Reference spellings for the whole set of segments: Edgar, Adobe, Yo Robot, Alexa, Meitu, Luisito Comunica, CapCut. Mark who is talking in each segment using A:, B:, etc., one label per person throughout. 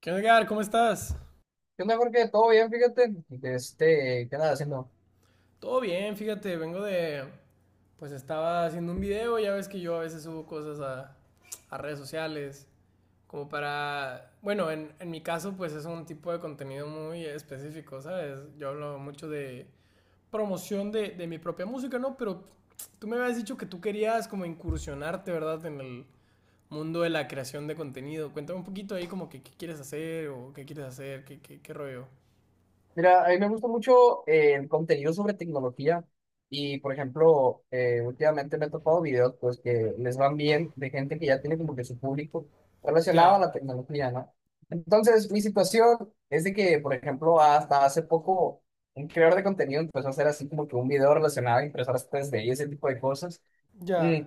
A: ¿Qué onda, Edgar? ¿Cómo estás?
B: ¿Qué onda, Jorge? ¿Todo bien? Fíjate, de este, ¿qué andas haciendo?
A: Todo bien, fíjate, vengo de... Pues estaba haciendo un video, ya ves que yo a veces subo cosas a redes sociales, como para... Bueno, en mi caso pues es un tipo de contenido muy específico, ¿sabes? Yo hablo mucho de promoción de mi propia música, ¿no? Pero tú me habías dicho que tú querías como incursionarte, ¿verdad? En el mundo de la creación de contenido. Cuéntame un poquito ahí como que qué quieres hacer o qué quieres hacer, qué rollo.
B: Mira, a mí me gusta mucho el contenido sobre tecnología y, por ejemplo, últimamente me he topado videos pues que les van bien de gente que ya tiene como que su público relacionado a
A: Ya,
B: la tecnología, ¿no? Entonces, mi situación es de que, por ejemplo, hasta hace poco un creador de contenido empezó a hacer así como que un video relacionado a impresoras 3D y ese tipo de cosas. Mm,
A: ya.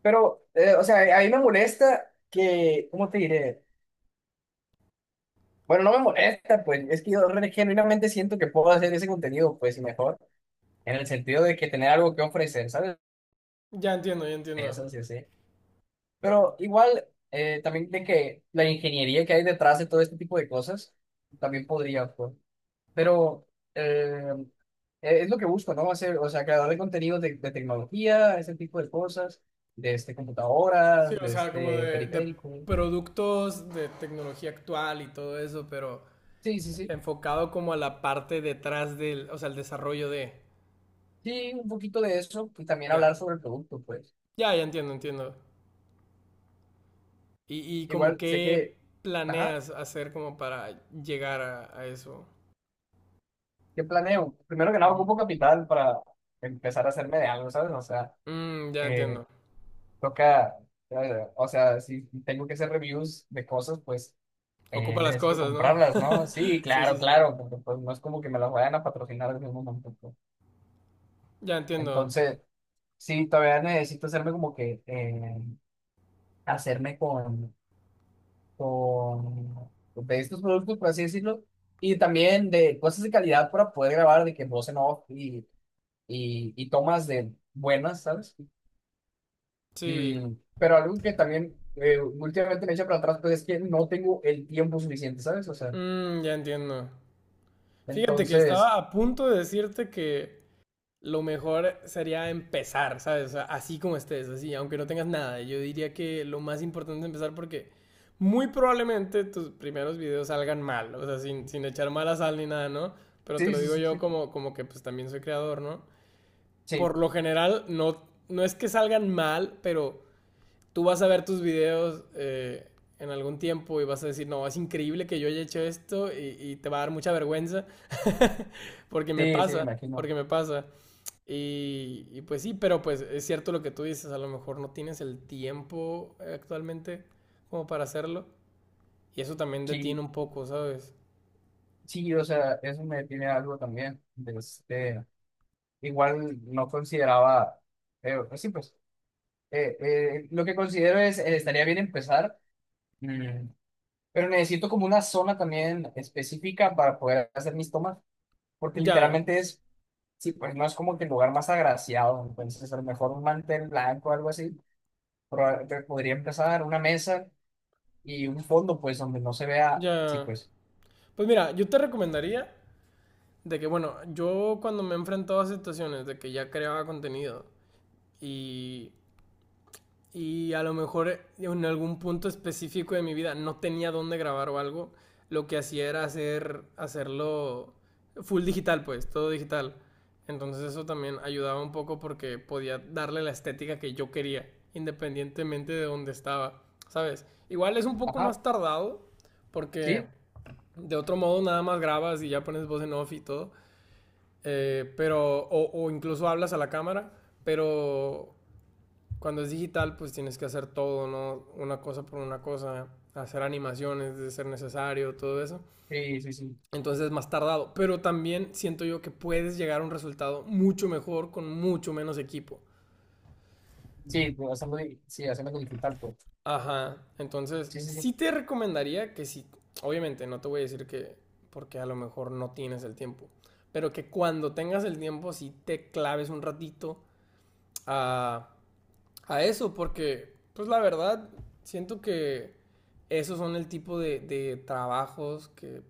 B: pero, o sea, a mí me molesta que, ¿cómo te diré? Bueno, no me molesta, pues es que genuinamente siento que puedo hacer ese contenido, pues y mejor, en el sentido de que tener algo que ofrecer, ¿sabes?
A: Ya entiendo, ya entiendo.
B: Eso sí, sí. Pero igual, también de que la ingeniería que hay detrás de todo este tipo de cosas, también podría, pues. Pero eh, es lo que busco, ¿no? Hacer, o sea, creador de contenido de tecnología, ese tipo de cosas, de este,
A: Sí,
B: computadoras,
A: o
B: de
A: sea, como
B: este,
A: de
B: periférico.
A: productos de tecnología actual y todo eso, pero
B: Sí, sí, sí.
A: enfocado como a la parte detrás del, o sea, el desarrollo de.
B: Sí, un poquito de eso y también
A: Ya,
B: hablar sobre el producto, pues.
A: ya, ya entiendo, entiendo. Y como
B: Igual sé
A: qué
B: que, ajá,
A: planeas hacer como para llegar a eso.
B: ¿qué planeo? Primero que nada,
A: Ujú.
B: ocupo capital para empezar a hacerme de algo, ¿sabes? O sea,
A: Mm, ya
B: eh,
A: entiendo.
B: toca, o sea, si tengo que hacer reviews de cosas, pues
A: Ocupa las
B: necesito
A: cosas, ¿no?
B: comprarlas, ¿no? Sí,
A: Sí,
B: claro,
A: sí, sí.
B: claro, porque pues no es como que me las vayan a patrocinar al mismo momento, pues.
A: Ya entiendo.
B: Entonces, sí, todavía necesito hacerme como que, hacerme con de estos productos, por así decirlo, y también de cosas de calidad para poder grabar de que voz en off y tomas de buenas, ¿sabes?
A: Sí.
B: Mm, pero algo que también últimamente me echa para atrás, pues es que no tengo el tiempo suficiente, ¿sabes? O sea,
A: Mm, ya entiendo. Fíjate que estaba
B: entonces,
A: a punto de decirte que... lo mejor sería empezar, ¿sabes? O sea, así como estés, así, aunque no tengas nada. Yo diría que lo más importante es empezar porque muy probablemente tus primeros videos salgan mal, o sea, sin echar mala sal ni nada, ¿no? Pero te
B: sí,
A: lo
B: sí,
A: digo
B: sí, sí,
A: yo como, como que pues también soy creador, ¿no?
B: sí,
A: Por lo general, no, no es que salgan mal, pero tú vas a ver tus videos en algún tiempo y vas a decir, no, es increíble que yo haya hecho esto y te va a dar mucha vergüenza, porque me
B: sí, sí, me
A: pasa, porque
B: imagino.
A: me pasa. Y pues sí, pero pues es cierto lo que tú dices, a lo mejor no tienes el tiempo actualmente como para hacerlo. Y eso también detiene
B: Sí,
A: un poco, ¿sabes?
B: sí, o sea, eso me tiene algo también. De este, igual no consideraba, pues sí, pues. Lo que considero es, estaría bien empezar, mm, pero necesito como una zona también específica para poder hacer mis tomas, porque
A: Ya,
B: literalmente es, sí, pues no es como que el lugar más agraciado, entonces a lo mejor un mantel blanco o algo así, te podría empezar una mesa y un fondo, pues donde no se vea, sí,
A: ya.
B: pues,
A: Pues mira, yo te recomendaría de que, bueno, yo cuando me he enfrentado a situaciones de que ya creaba contenido y y a lo mejor en algún punto específico de mi vida no tenía dónde grabar o algo, lo que hacía era hacer, hacerlo full digital, pues, todo digital. Entonces eso también ayudaba un poco porque podía darle la estética que yo quería, independientemente de dónde estaba, ¿sabes? Igual es un poco
B: ajá,
A: más tardado porque
B: sí,
A: de otro modo nada más grabas y ya pones voz en off y todo, pero, o incluso hablas a la cámara, pero cuando es digital, pues tienes que hacer todo, ¿no? Una cosa por una cosa, hacer animaciones de ser necesario, todo eso.
B: sí, sí, sí,
A: Entonces es más tardado, pero también siento yo que puedes llegar a un resultado mucho mejor con mucho menos equipo.
B: sí, pues, hacerlo, sí, hacerlo digital, pues,
A: Ajá, entonces
B: sí, sí, sí,
A: sí te recomendaría que sí. Obviamente no te voy a decir que porque a lo mejor no tienes el tiempo, pero que cuando tengas el tiempo sí te claves un ratito a a eso, porque, pues la verdad, siento que esos son el tipo de trabajos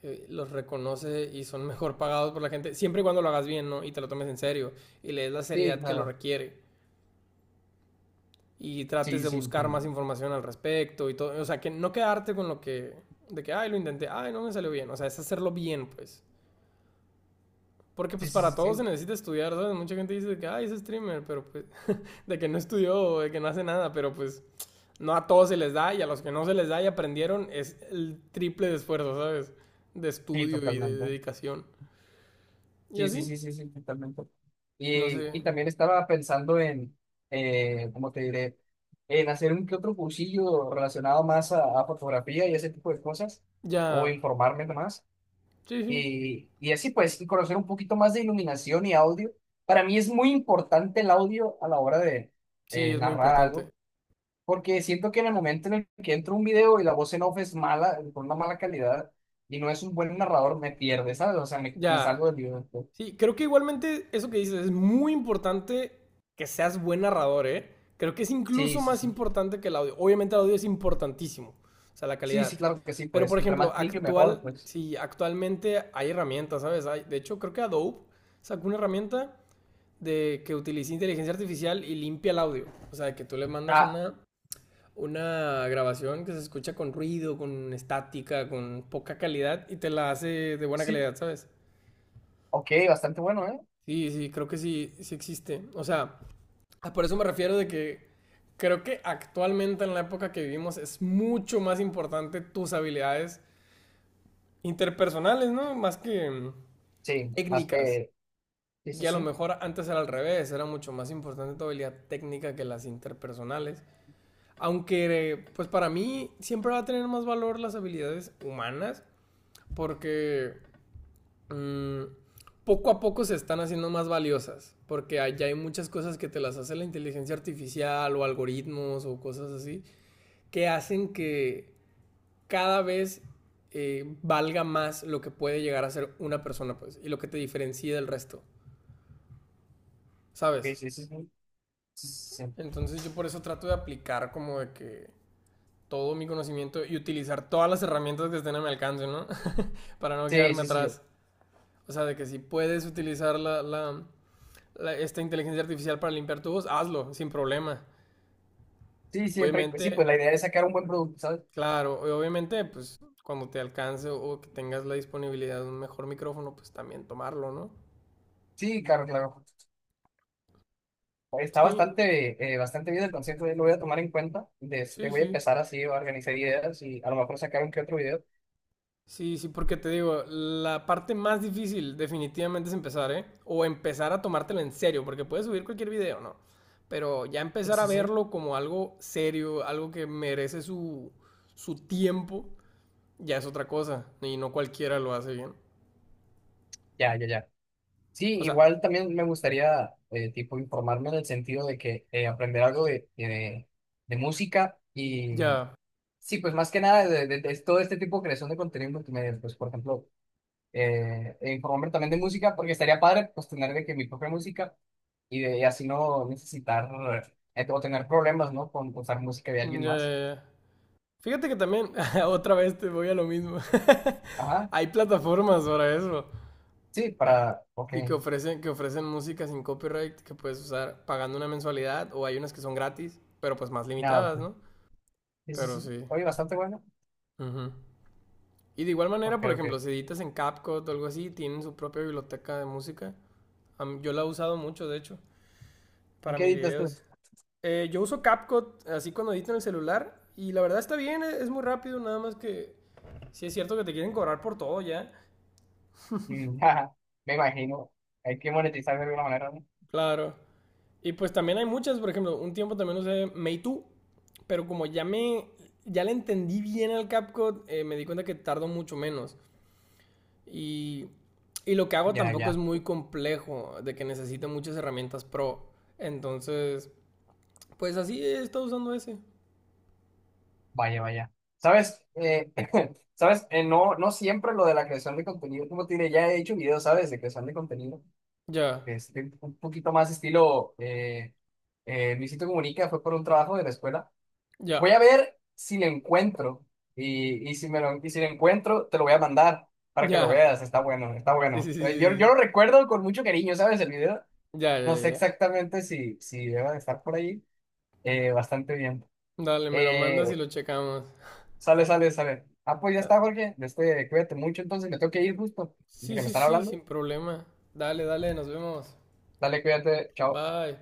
A: que los reconoce y son mejor pagados por la gente, siempre y cuando lo hagas bien, ¿no? Y te lo tomes en serio y le des la
B: sí,
A: seriedad que lo
B: claro,
A: requiere y
B: sí,
A: trates
B: sí,
A: de
B: sí,
A: buscar
B: entiendo.
A: más información al respecto y todo, o sea, que no quedarte con lo que, de que, ay, lo intenté, ay, no me salió bien, o sea, es hacerlo bien, pues. Porque pues
B: Sí, sí,
A: para
B: sí,
A: todo se
B: sí,
A: necesita estudiar, ¿sabes? Mucha gente dice de que, ay, es streamer, pero pues, de que no estudió, de que no hace nada, pero pues no a todos se les da y a los que no se les da y aprendieron es el triple de esfuerzo, ¿sabes? De
B: sí,
A: estudio y de
B: totalmente.
A: dedicación. Y
B: Sí, sí,
A: así,
B: sí, sí, sí, totalmente.
A: no sé,
B: Y también estaba pensando en, como te diré, en hacer un que otro cursillo relacionado más a fotografía y ese tipo de cosas, o
A: ya,
B: informarme más.
A: sí, sí,
B: Y así pues, y conocer un poquito más de iluminación y audio. Para mí es muy importante el audio a la hora de
A: sí, es muy
B: narrar algo,
A: importante.
B: porque siento que en el momento en el que entra un video y la voz en off es mala, con una mala calidad, y no es un buen narrador, me pierde, ¿sabes? O sea, me
A: Ya,
B: salgo del video.
A: sí, creo que igualmente eso que dices es muy importante que seas buen narrador, ¿eh? Creo que es
B: Sí,
A: incluso
B: sí,
A: más
B: sí.
A: importante que el audio. Obviamente el audio es importantísimo, o sea, la
B: Sí, sí,
A: calidad.
B: claro que sí,
A: Pero por
B: pues entre
A: ejemplo,
B: más limpio mejor,
A: actual,
B: pues.
A: sí, actualmente hay herramientas, ¿sabes? Hay, de hecho, creo que Adobe sacó una herramienta de que utilice inteligencia artificial y limpia el audio. O sea, que tú le mandas
B: Ah,
A: una grabación que se escucha con ruido, con estática, con poca calidad y te la hace de buena
B: sí,
A: calidad, ¿sabes?
B: ok, bastante bueno, ¿eh?
A: Sí, sí, creo que sí, sí existe. O sea, por eso me refiero de que creo que actualmente en la época que vivimos es mucho más importante tus habilidades interpersonales, ¿no? Más que
B: Sí, más
A: técnicas.
B: que, sí,
A: Y
B: sí,
A: a lo
B: sí,
A: mejor antes era al revés, era mucho más importante tu habilidad técnica que las interpersonales. Aunque, pues para mí siempre va a tener más valor las habilidades humanas porque mm, poco a poco se están haciendo más valiosas. Porque allá hay muchas cosas que te las hace la inteligencia artificial o algoritmos o cosas así que hacen que cada vez valga más lo que puede llegar a ser una persona, pues, y lo que te diferencia del resto,
B: ok,
A: ¿sabes?
B: sí, sí, sí, sí, sí,
A: Entonces yo por eso trato de aplicar como de que todo mi conocimiento y utilizar todas las herramientas que estén a mi alcance, ¿no? Para no
B: sí,
A: quedarme
B: sí, sí, sí,
A: atrás. O sea, de que si puedes utilizar esta inteligencia artificial para limpiar tu voz, hazlo, sin problema.
B: sí, siempre, pues sí,
A: Obviamente,
B: pues la idea es sacar un buen producto, ¿sabes?
A: claro, obviamente, pues cuando te alcance o que tengas la disponibilidad de un mejor micrófono, pues también tomarlo, ¿no?
B: Sí, claro, claro, está
A: Sí,
B: bastante, bastante bien el concepto, lo voy a tomar en cuenta, de este,
A: sí,
B: voy a
A: sí.
B: empezar así a organizar ideas y a lo mejor sacar un que otro video,
A: Sí, sí, porque te digo, la parte más difícil definitivamente es empezar, ¿eh? O empezar a tomártelo en serio, porque puedes subir cualquier video, ¿no? Pero ya
B: sí,
A: empezar a
B: sí, sí,
A: verlo como algo serio, algo que merece su, su tiempo, ya es otra cosa. Y no cualquiera lo hace bien.
B: ya, ya, ya. Sí,
A: O sea,
B: igual también me gustaría, tipo, informarme en el sentido de que aprender algo de música y
A: ya,
B: sí, pues más que nada de, de todo este tipo de creación de contenido multimedia, pues por ejemplo, e informarme también de música, porque estaría padre pues tener de que mi propia música y de y así no necesitar o tener problemas, ¿no? Con usar música de
A: ya,
B: alguien más.
A: ya, ya. Fíjate que también, otra vez te voy a lo mismo.
B: Ajá,
A: Hay plataformas para eso.
B: sí, para, ok,
A: Sí, que ofrecen música sin copyright que puedes usar pagando una mensualidad o hay unas que son gratis, pero pues más
B: nada,
A: limitadas,
B: pues,
A: ¿no?
B: sí, sí,
A: Pero
B: sí.
A: sí.
B: Oye, bastante bueno.
A: Ujú. Y de igual
B: Ok,
A: manera, por ejemplo,
B: ok.
A: si editas en CapCut o algo así, tienen su propia biblioteca de música. A mí- Yo la he usado mucho, de hecho,
B: ¿Y
A: para
B: qué
A: mis
B: editas tú?
A: videos. Yo uso CapCut así cuando edito en el celular y la verdad está bien, e- es muy rápido, nada más que sí es cierto que te quieren cobrar por todo ya.
B: Mm, jaja, me imagino, hay que monetizar de alguna manera, ¿no?
A: Claro. Y pues también hay muchas, por ejemplo, un tiempo también usé Meitu, pero como ya me, ya le entendí bien al CapCut, me di cuenta que tardo mucho menos. Y, y lo que hago
B: Ya,
A: tampoco es
B: ya.
A: muy complejo, de que necesite muchas herramientas pro. Entonces, pues así he estado usando ese.
B: Vaya, vaya. ¿Sabes? ¿Sabes? No, no siempre lo de la creación de contenido, como te diré, ya he hecho videos, ¿sabes? De creación de contenido.
A: Ya,
B: Este, un poquito más estilo Luisito Comunica, fue por un trabajo de la escuela.
A: ya,
B: Voy a ver si lo encuentro. Y, y si lo encuentro, te lo voy a mandar para que lo
A: ya.
B: veas. Está bueno, está
A: Sí, sí,
B: bueno.
A: sí, sí.
B: Yo lo
A: Sí.
B: recuerdo con mucho cariño, ¿sabes? El video.
A: Ya,
B: No
A: ya,
B: sé
A: ya.
B: exactamente si debe de estar por ahí. Bastante bien.
A: Dale, me lo mandas y
B: Eh,
A: lo checamos.
B: Sale, sale, sale. Ah, pues ya está, Jorge. Este, cuídate mucho, entonces me tengo que ir justo. Que
A: Sí,
B: me
A: sí,
B: están
A: sí, sin
B: hablando.
A: problema. Dale, dale, nos vemos.
B: Dale, cuídate. Chao.
A: Bye.